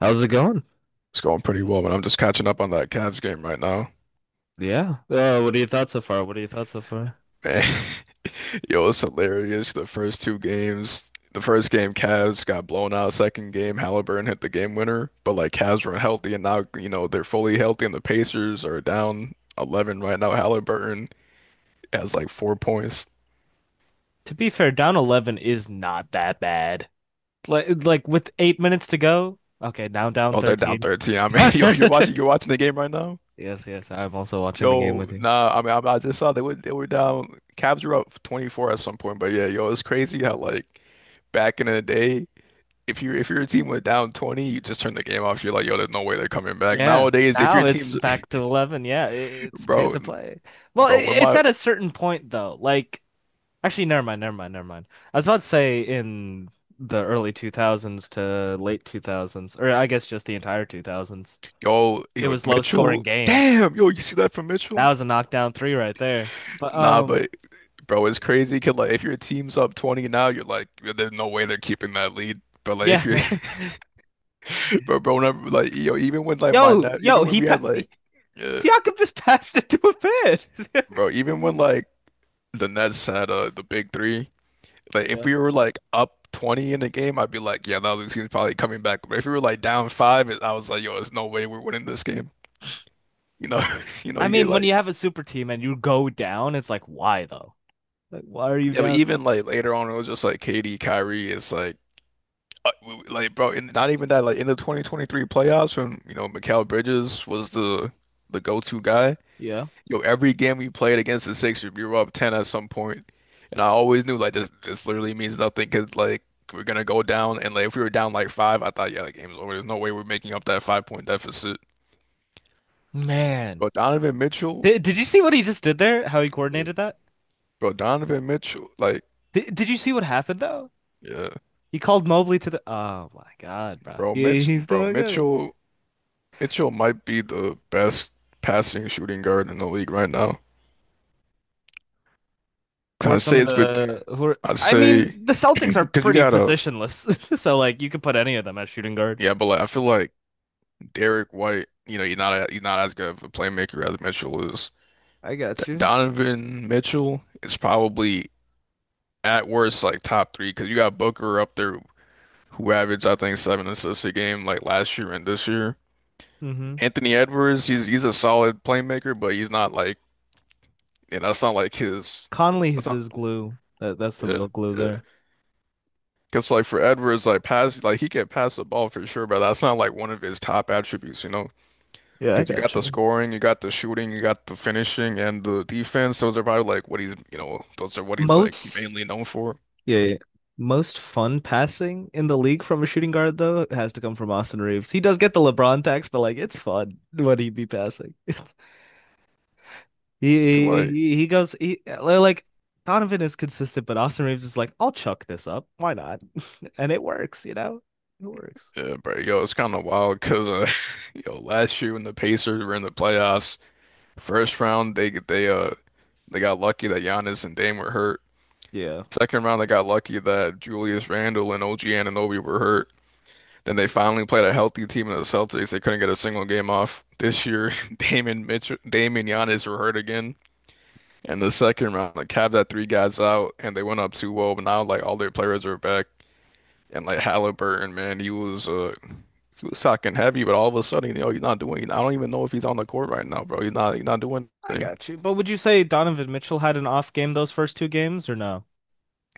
How's it going? It's going pretty well, but I'm just catching up on that Cavs game right now. Yeah. What are your thoughts so far? Man, yo, it's hilarious. The first game Cavs got blown out. Second game, Halliburton hit the game winner. But like Cavs were healthy, and now you know they're fully healthy, and the Pacers are down 11 right now. Halliburton has like 4 points. To be fair, down 11 is not that bad. Like with 8 minutes to go. Okay, now down Oh, they're down 13. 13. I mean, yo, you're watching the game right now. Yes, yes, I'm also watching the game Yo, with you. nah, I mean, I just saw they were down. Cavs were up 24 at some point, but yeah, yo, it's crazy how like back in the day if your team went down 20, you just turn the game off. You're like, yo, there's no way they're coming back. Yeah. Nowadays, if your Now it's team's back to 11. Yeah, it's pace bro, of play. Well, when it's my at a certain point though. Like actually never mind, never mind, never mind. I was about to say in the early 2000s to late 2000s or I guess just the entire 2000s. yo, It was low scoring Mitchell, games. damn, yo, you see that from Mitchell? That was a knockdown three right there. But Nah, but bro, it's crazy. 'Cause, like if your team's up 20 now, you're like, yo, there's no way they're keeping that lead. But like if you're yeah. bro, whenever, like yo, even when like my yo, net, even yo, when he we had pa like, uh, Siakam just passed it to a fan. bro, even when like the Nets had the big three. Like if Yeah. we were like up 20 in the game, I'd be like, yeah, no, this team's probably coming back. But if we were like down five, I was like, yo, there's no way we're winning this game. You know, you know, I you get mean, when like, you have a super team and you go down, it's like, why though? Like, why are you yeah, but down? even like later on, it was just like KD, Kyrie. It's like, like bro, and not even that. Like in the 2023 playoffs, when you know Mikal Bridges was the go-to guy. Yeah. Yo, every game we played against the Sixers, we were up 10 at some point, and I always knew like this literally means nothing because like we're gonna go down, and like if we were down like five, I thought yeah, the game's over. There's no way we're making up that 5 point deficit. Man, But Donovan Mitchell, did you see what he just did there? How he uh, coordinated that? bro, Donovan Mitchell, like Did you see what happened though? yeah, He called Mobley to the. Oh my God, bro. bro, Yeah, Mitch, he's bro, doing good. Mitchell might be the best passing shooting guard in the league right now. Or I some say of it's but the who are, I I mean, say the Celtics are because you pretty gotta positionless, so like you could put any of them at shooting guard. yeah, but like I feel like. Derek White, you know, you're not as good of a playmaker as Mitchell is. I D got you. Donovan Mitchell is probably at worst like top three, because you got Booker up there who averaged I think 7 assists a game like last year and this year. Mm-hmm. Anthony Edwards, he's a solid playmaker, but he's not like you know, that's not like his. That's Conley's not is glue. That's the yeah, real glue yeah. there. Because like for Edwards, like he can pass the ball for sure, but that's not like one of his top attributes, you know. Yeah, I Because you got got the you. scoring, you got the shooting, you got the finishing, and the defense. Those are probably like what he's, you know, those are what he's like Most mainly known for. Yeah, yeah, most fun passing in the league from a shooting guard though has to come from Austin Reeves. He does get the LeBron tax, but like it's fun when he be passing. I feel like, he goes he like Donovan is consistent, but Austin Reeves is like, I'll chuck this up. Why not? And it works, you know? It works. yeah, bro, yo, it's kind of wild because, yo, last year when the Pacers were in the playoffs, first round they got lucky that Giannis and Dame were hurt. Yeah. Second round they got lucky that Julius Randle and OG Anunoby were hurt. Then they finally played a healthy team in the Celtics. They couldn't get a single game off. This year, Dame and Giannis were hurt again. And the second round, like Cavs had three guys out and they went up 2-0, but now like all their players are back. And like Halliburton, man, he was talking heavy, but all of a sudden, you know, he's not doing. I don't even know if he's on the court right now, bro. He's not. He's not doing I anything. got you. But would you say Donovan Mitchell had an off game those first two games or no?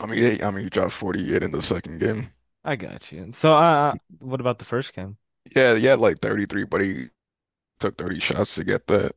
I mean, he dropped 48 in the second game. I got you. So, what about the first game? Yeah, he had like 33, but he took 30 shots to get that.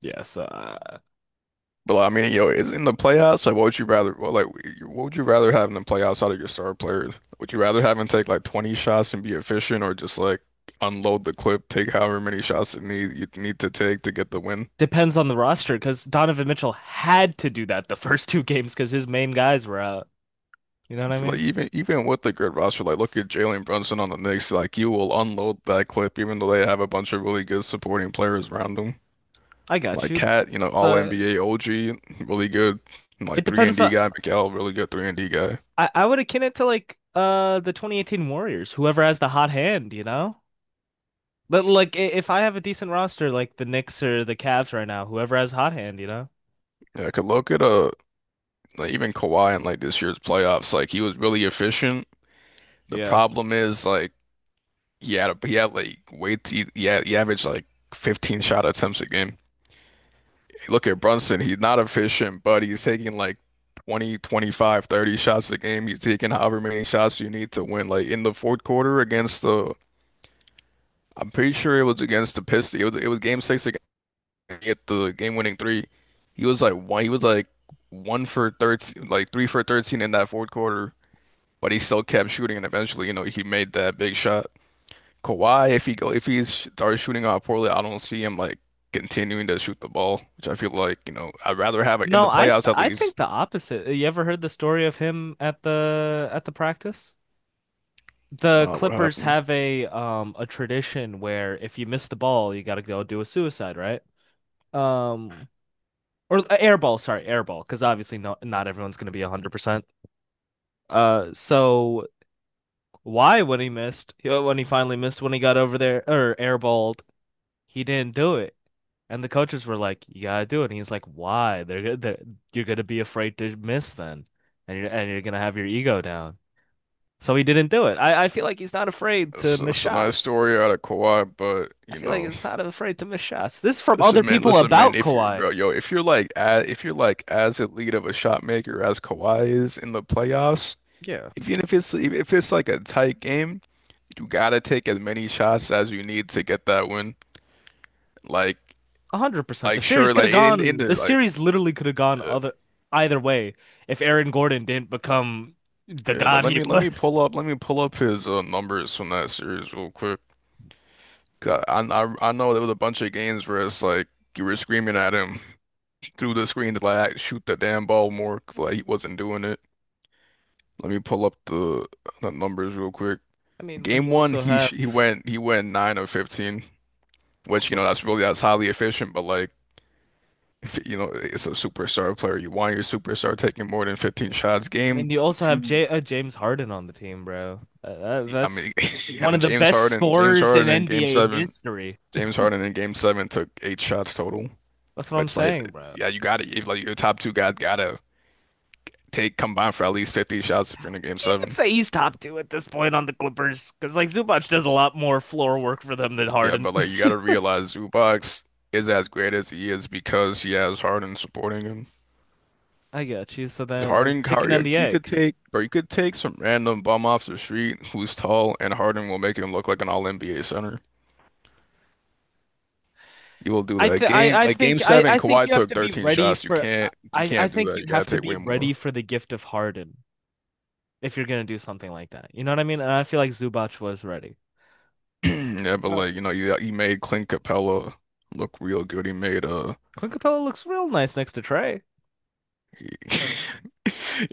Yes, uh, But like, I mean, yo, it's in the playoffs. Like, what would you rather? Well, like, what would you rather have in the playoffs out of your star players? Would you rather have him take like 20 shots and be efficient, or just like unload the clip, take however many shots it need you need to take to get the win? depends on the roster because Donovan Mitchell had to do that the first two games because his main guys were out. You know I what I feel like mean? even with the good roster, like look at Jalen Brunson on the Knicks, like you will unload that clip, even though they have a bunch of really good supporting players around them. I got Like you, Cat, you know, all but NBA OG, really good, and it like three and depends D on. guy, Miguel, really good three and D guy. I would akin it to like the 2018 Warriors, whoever has the hot hand, you know? But like if I have a decent roster like the Knicks or the Cavs right now, whoever has hot hand, you know? Yeah, I could look at like even Kawhi in like this year's playoffs, like he was really efficient. The Yeah. problem is like he had like way he averaged like 15 shot attempts a game. Look at Brunson, he's not efficient, but he's taking like 20, 25, 30 shots a game. He's taking however many shots you need to win. Like in the fourth quarter against the, I'm pretty sure it was against the Pistons. It was game six against get the game winning three. He was like one for 13, like three for 13 in that fourth quarter. But he still kept shooting, and eventually, you know, he made that big shot. Kawhi, if he's starts shooting out poorly, I don't see him like continuing to shoot the ball, which I feel like, you know, I'd rather have it in No, the I playoffs at I think least. the opposite. You ever heard the story of him at the practice? The Not what Clippers happened. have a tradition where if you miss the ball, you got to go do a suicide, right? Um or air ball, sorry, air ball, because obviously not everyone's going to be 100%. So why when he missed, when he finally missed when he got over there or airballed, he didn't do it. And the coaches were like, "You gotta do it." And he's like, "Why? They're you're gonna be afraid to miss then, and you're gonna have your ego down." So he didn't do it. I feel like he's not afraid to It's, miss it's a nice shots. story out of Kawhi, but I you feel like know, it's not afraid to miss shots. This is from other listen, man, people listen, man. about Kawhi. If you're like, if you're like as elite of a shot maker as Kawhi is in the playoffs, Yeah, even if it's like a tight game, you gotta take as many shots as you need to get that win. Like, 100%. The Like series sure, could have like in gone. the The like series literally could have gone uh, other either way if Aaron Gordon didn't become the yeah, god he was. Let me pull up his numbers from that series real quick. 'Cause I know there was a bunch of games where it's like you were screaming at him through the screen to like shoot the damn ball more, but like he wasn't doing it. Let me pull up the numbers real quick. I mean, when Game you one, also have he went nine of 15, which you know also, that's really that's highly efficient, but like if, you know it's a superstar player. You want your superstar taking more than 15 shots. I Game mean, you also have two. J James Harden on the team, bro. I mean, That's you one know, of the best scorers in NBA history. James Harden in game seven took 8 shots total, That's what I'm which like, saying, bro. yeah, you gotta, if like your top two guys gotta take combined for at least 50 shots if you're in a game Would you even seven. say he's top two at this point on the Clippers? Because like Zubac does a lot more floor work for them than Yeah, Harden. but like you gotta Yeah, realize Zubac is as great as he is because he has Harden supporting him. I got you. So then, Harden, chicken Kyrie, and the like, egg. You could take some random bum off the street who's tall, and Harden will make him look like an all-NBA center. You will do that. I Like, th game like game seven, I think Kawhi you have took to be 13 ready shots. You for can't you I can't do think that. you You gotta have to take way be ready more. for the gift of Harden if you're gonna do something like that. You know what I mean? And I feel like Zubac was ready. Yeah, but Yeah. like, you know, you he made Clint Capella look real good. He made Clint Capella looks real nice next to Trey.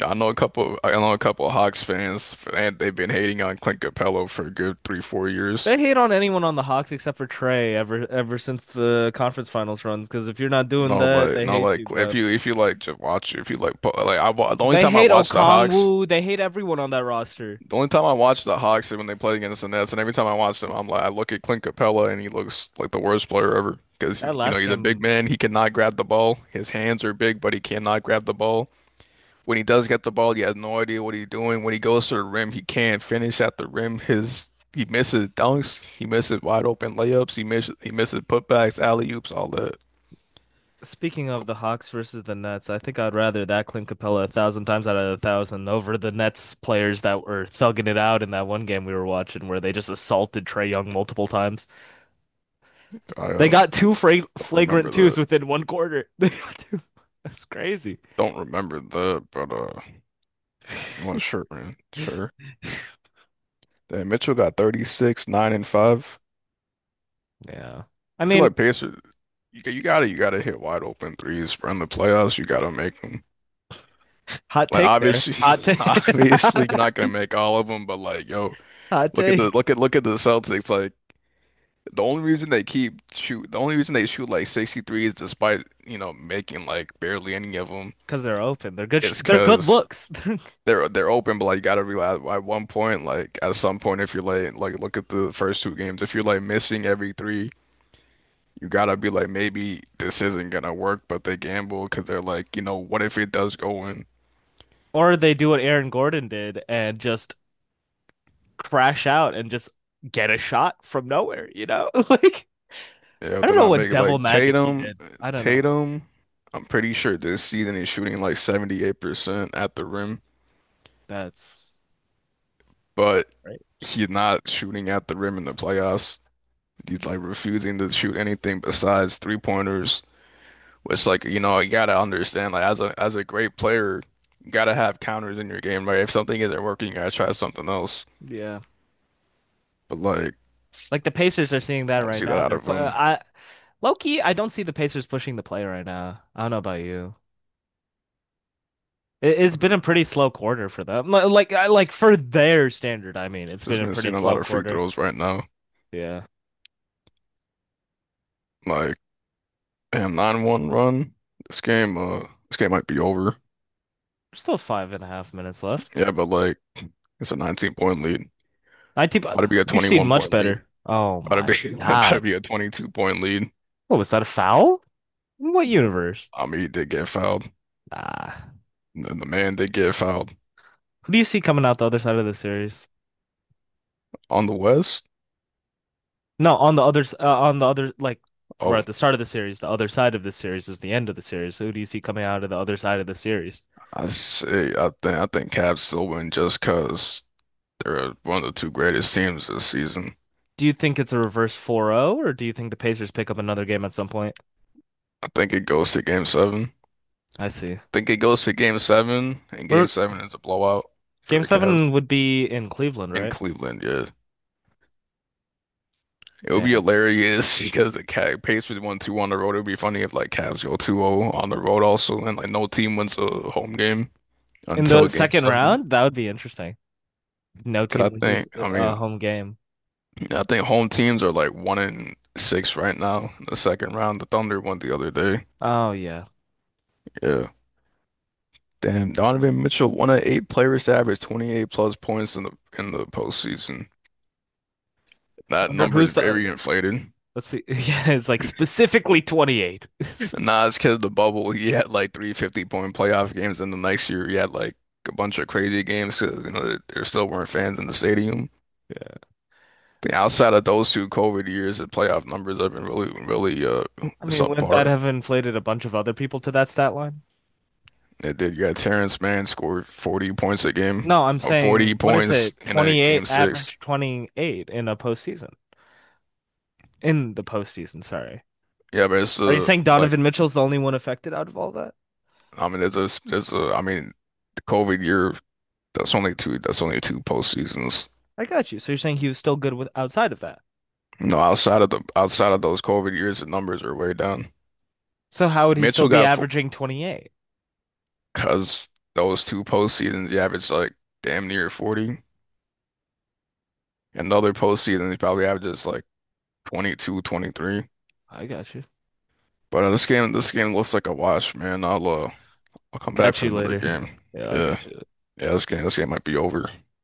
yeah, I know a couple of Hawks fans and they've been hating on Clint Capella for a good three, 4 years. They hate on anyone on the Hawks except for Trey ever since the conference finals runs. Because if you're not doing No, that, like they no, hate like you, if bro. you if you like just watch if you like po- They hate Okongwu. They hate everyone on that roster. the only time I watched the Hawks is when they played against the Nets, and every time I watched him, I'm like, I look at Clint Capella and he looks like the worst player ever because That you know last he's a game. big man, he cannot grab the ball. His hands are big, but he cannot grab the ball. When he does get the ball, he has no idea what he's doing. When he goes to the rim, he can't finish at the rim. His he misses dunks, he misses wide open layups, he misses putbacks, alley-oops, all that. Speaking of the Hawks versus the Nets, I think I'd rather that Clint Capella a thousand times out of a thousand over the Nets players that were thugging it out in that one game we were watching where they just assaulted Trey Young multiple times. I They got two don't remember flagrant twos the within one quarter. They got two. That's crazy. don't remember the but it was sure, man, sure. Then Mitchell got 36, 9 and 5. Yeah. I I feel mean, like Pacers, you gotta hit wide open threes from the playoffs. You gotta make them. hot Like take there. Hot obviously, take. obviously you're not gonna make all of them, but like yo, Hot take. Look at the Celtics. Like the only reason they shoot like 63s despite you know making like barely any of them Because they're open. They're good. Is They're good because looks. they're open. But like you gotta realize at one point, like at some point, if you're like look at the first two games, if you're like missing every three. You gotta be like, maybe this isn't gonna work, but they gamble because they're like, you know, what if it does go in? Or they do what Aaron Gordon did and just crash out and just get a shot from nowhere, you know? Like, Yeah, if I don't they're know not what making devil like magic he Tatum, did. I don't know. Tatum. I'm pretty sure this season he's shooting like 78% at the rim, That's but right. he's not shooting at the rim in the playoffs. He's like refusing to shoot anything besides three pointers, which like, you know, you gotta understand like as a great player, you gotta have counters in your game, right? If something isn't working, you gotta try something else. Yeah. But like, Like the Pacers are seeing that I don't right see that now. out of him. I low key, I don't see the Pacers pushing the play right now. I don't know about you. It's been a pretty slow quarter for them. Like I like for their standard, I mean, it's been Just a been pretty seeing a lot slow of free quarter. throws right now. Yeah. Like, damn, 9-1 run. This game might be over. There's still 5.5 minutes left. Yeah, but like, it's a 19 point lead. 19, About to be a we've seen 21 much point lead. better. Oh About to my be, about to God. be a 22 point lead. What was that a foul? In what universe? I mean, he did get fouled. Ah, And then the man did get fouled. who do you see coming out the other side of the series? On the West, No, on the other on the other like we're oh, at the start of the series. The other side of this series is the end of the series. Who do you see coming out of the other side of the series? I think Cavs still win just because they're one of the two greatest teams this season. Do you think it's a reverse 4-0, or do you think the Pacers pick up another game at some point? I think it goes to game 7. I see. I think it goes to game seven, and We're game 7 is a blowout for Game the Cavs. seven would be in Cleveland, In right? Cleveland, yeah. It would be Damn. hilarious because the Cav pays for 1-2 on the road. It would be funny if like Cavs go 2-0 on the road also, and like no team wins a home game In until the game second seven. round, that would be interesting. No 'Cause team wins this home game. I think home teams are like 1 in 6 right now. In the second round, the Thunder won the other day. Oh yeah. Yeah, damn, Donovan Mitchell, one of 8 players to average 28 plus points in the postseason. That Wonder number is who's the. very inflated. Let's see. Yeah, it's like specifically 28. Nah, it's because the bubble. He had like 3 fifty point playoff games, and the next year he had like a bunch of crazy games because you know there still weren't fans in the stadium. Yeah. The outside of those two COVID years, the playoff numbers have been really, really I mean, wouldn't that subpar. have inflated a bunch of other people to that stat line? It did. You got Terrence Mann scored 40 points a game, No, I'm or saying, 40 what is it? points in a 28, game 6. average 28 in a postseason. In the postseason, sorry. Yeah, but it's Are you saying like Donovan Mitchell's the only one affected out of all that? I mean there's a I mean the COVID year that's only two postseasons. I got you. So you're saying he was still good with outside of that. No, outside of those COVID years, the numbers are way down. So how would he still Mitchell be got four averaging 28? because those two postseasons he averaged like damn near 40. Another postseason he probably averages like 22, 23. I got you. But this game looks like a wash, man. I'll I'll come back catch for you another later. game. Yeah, I Yeah. got you. Yeah, this game might be over.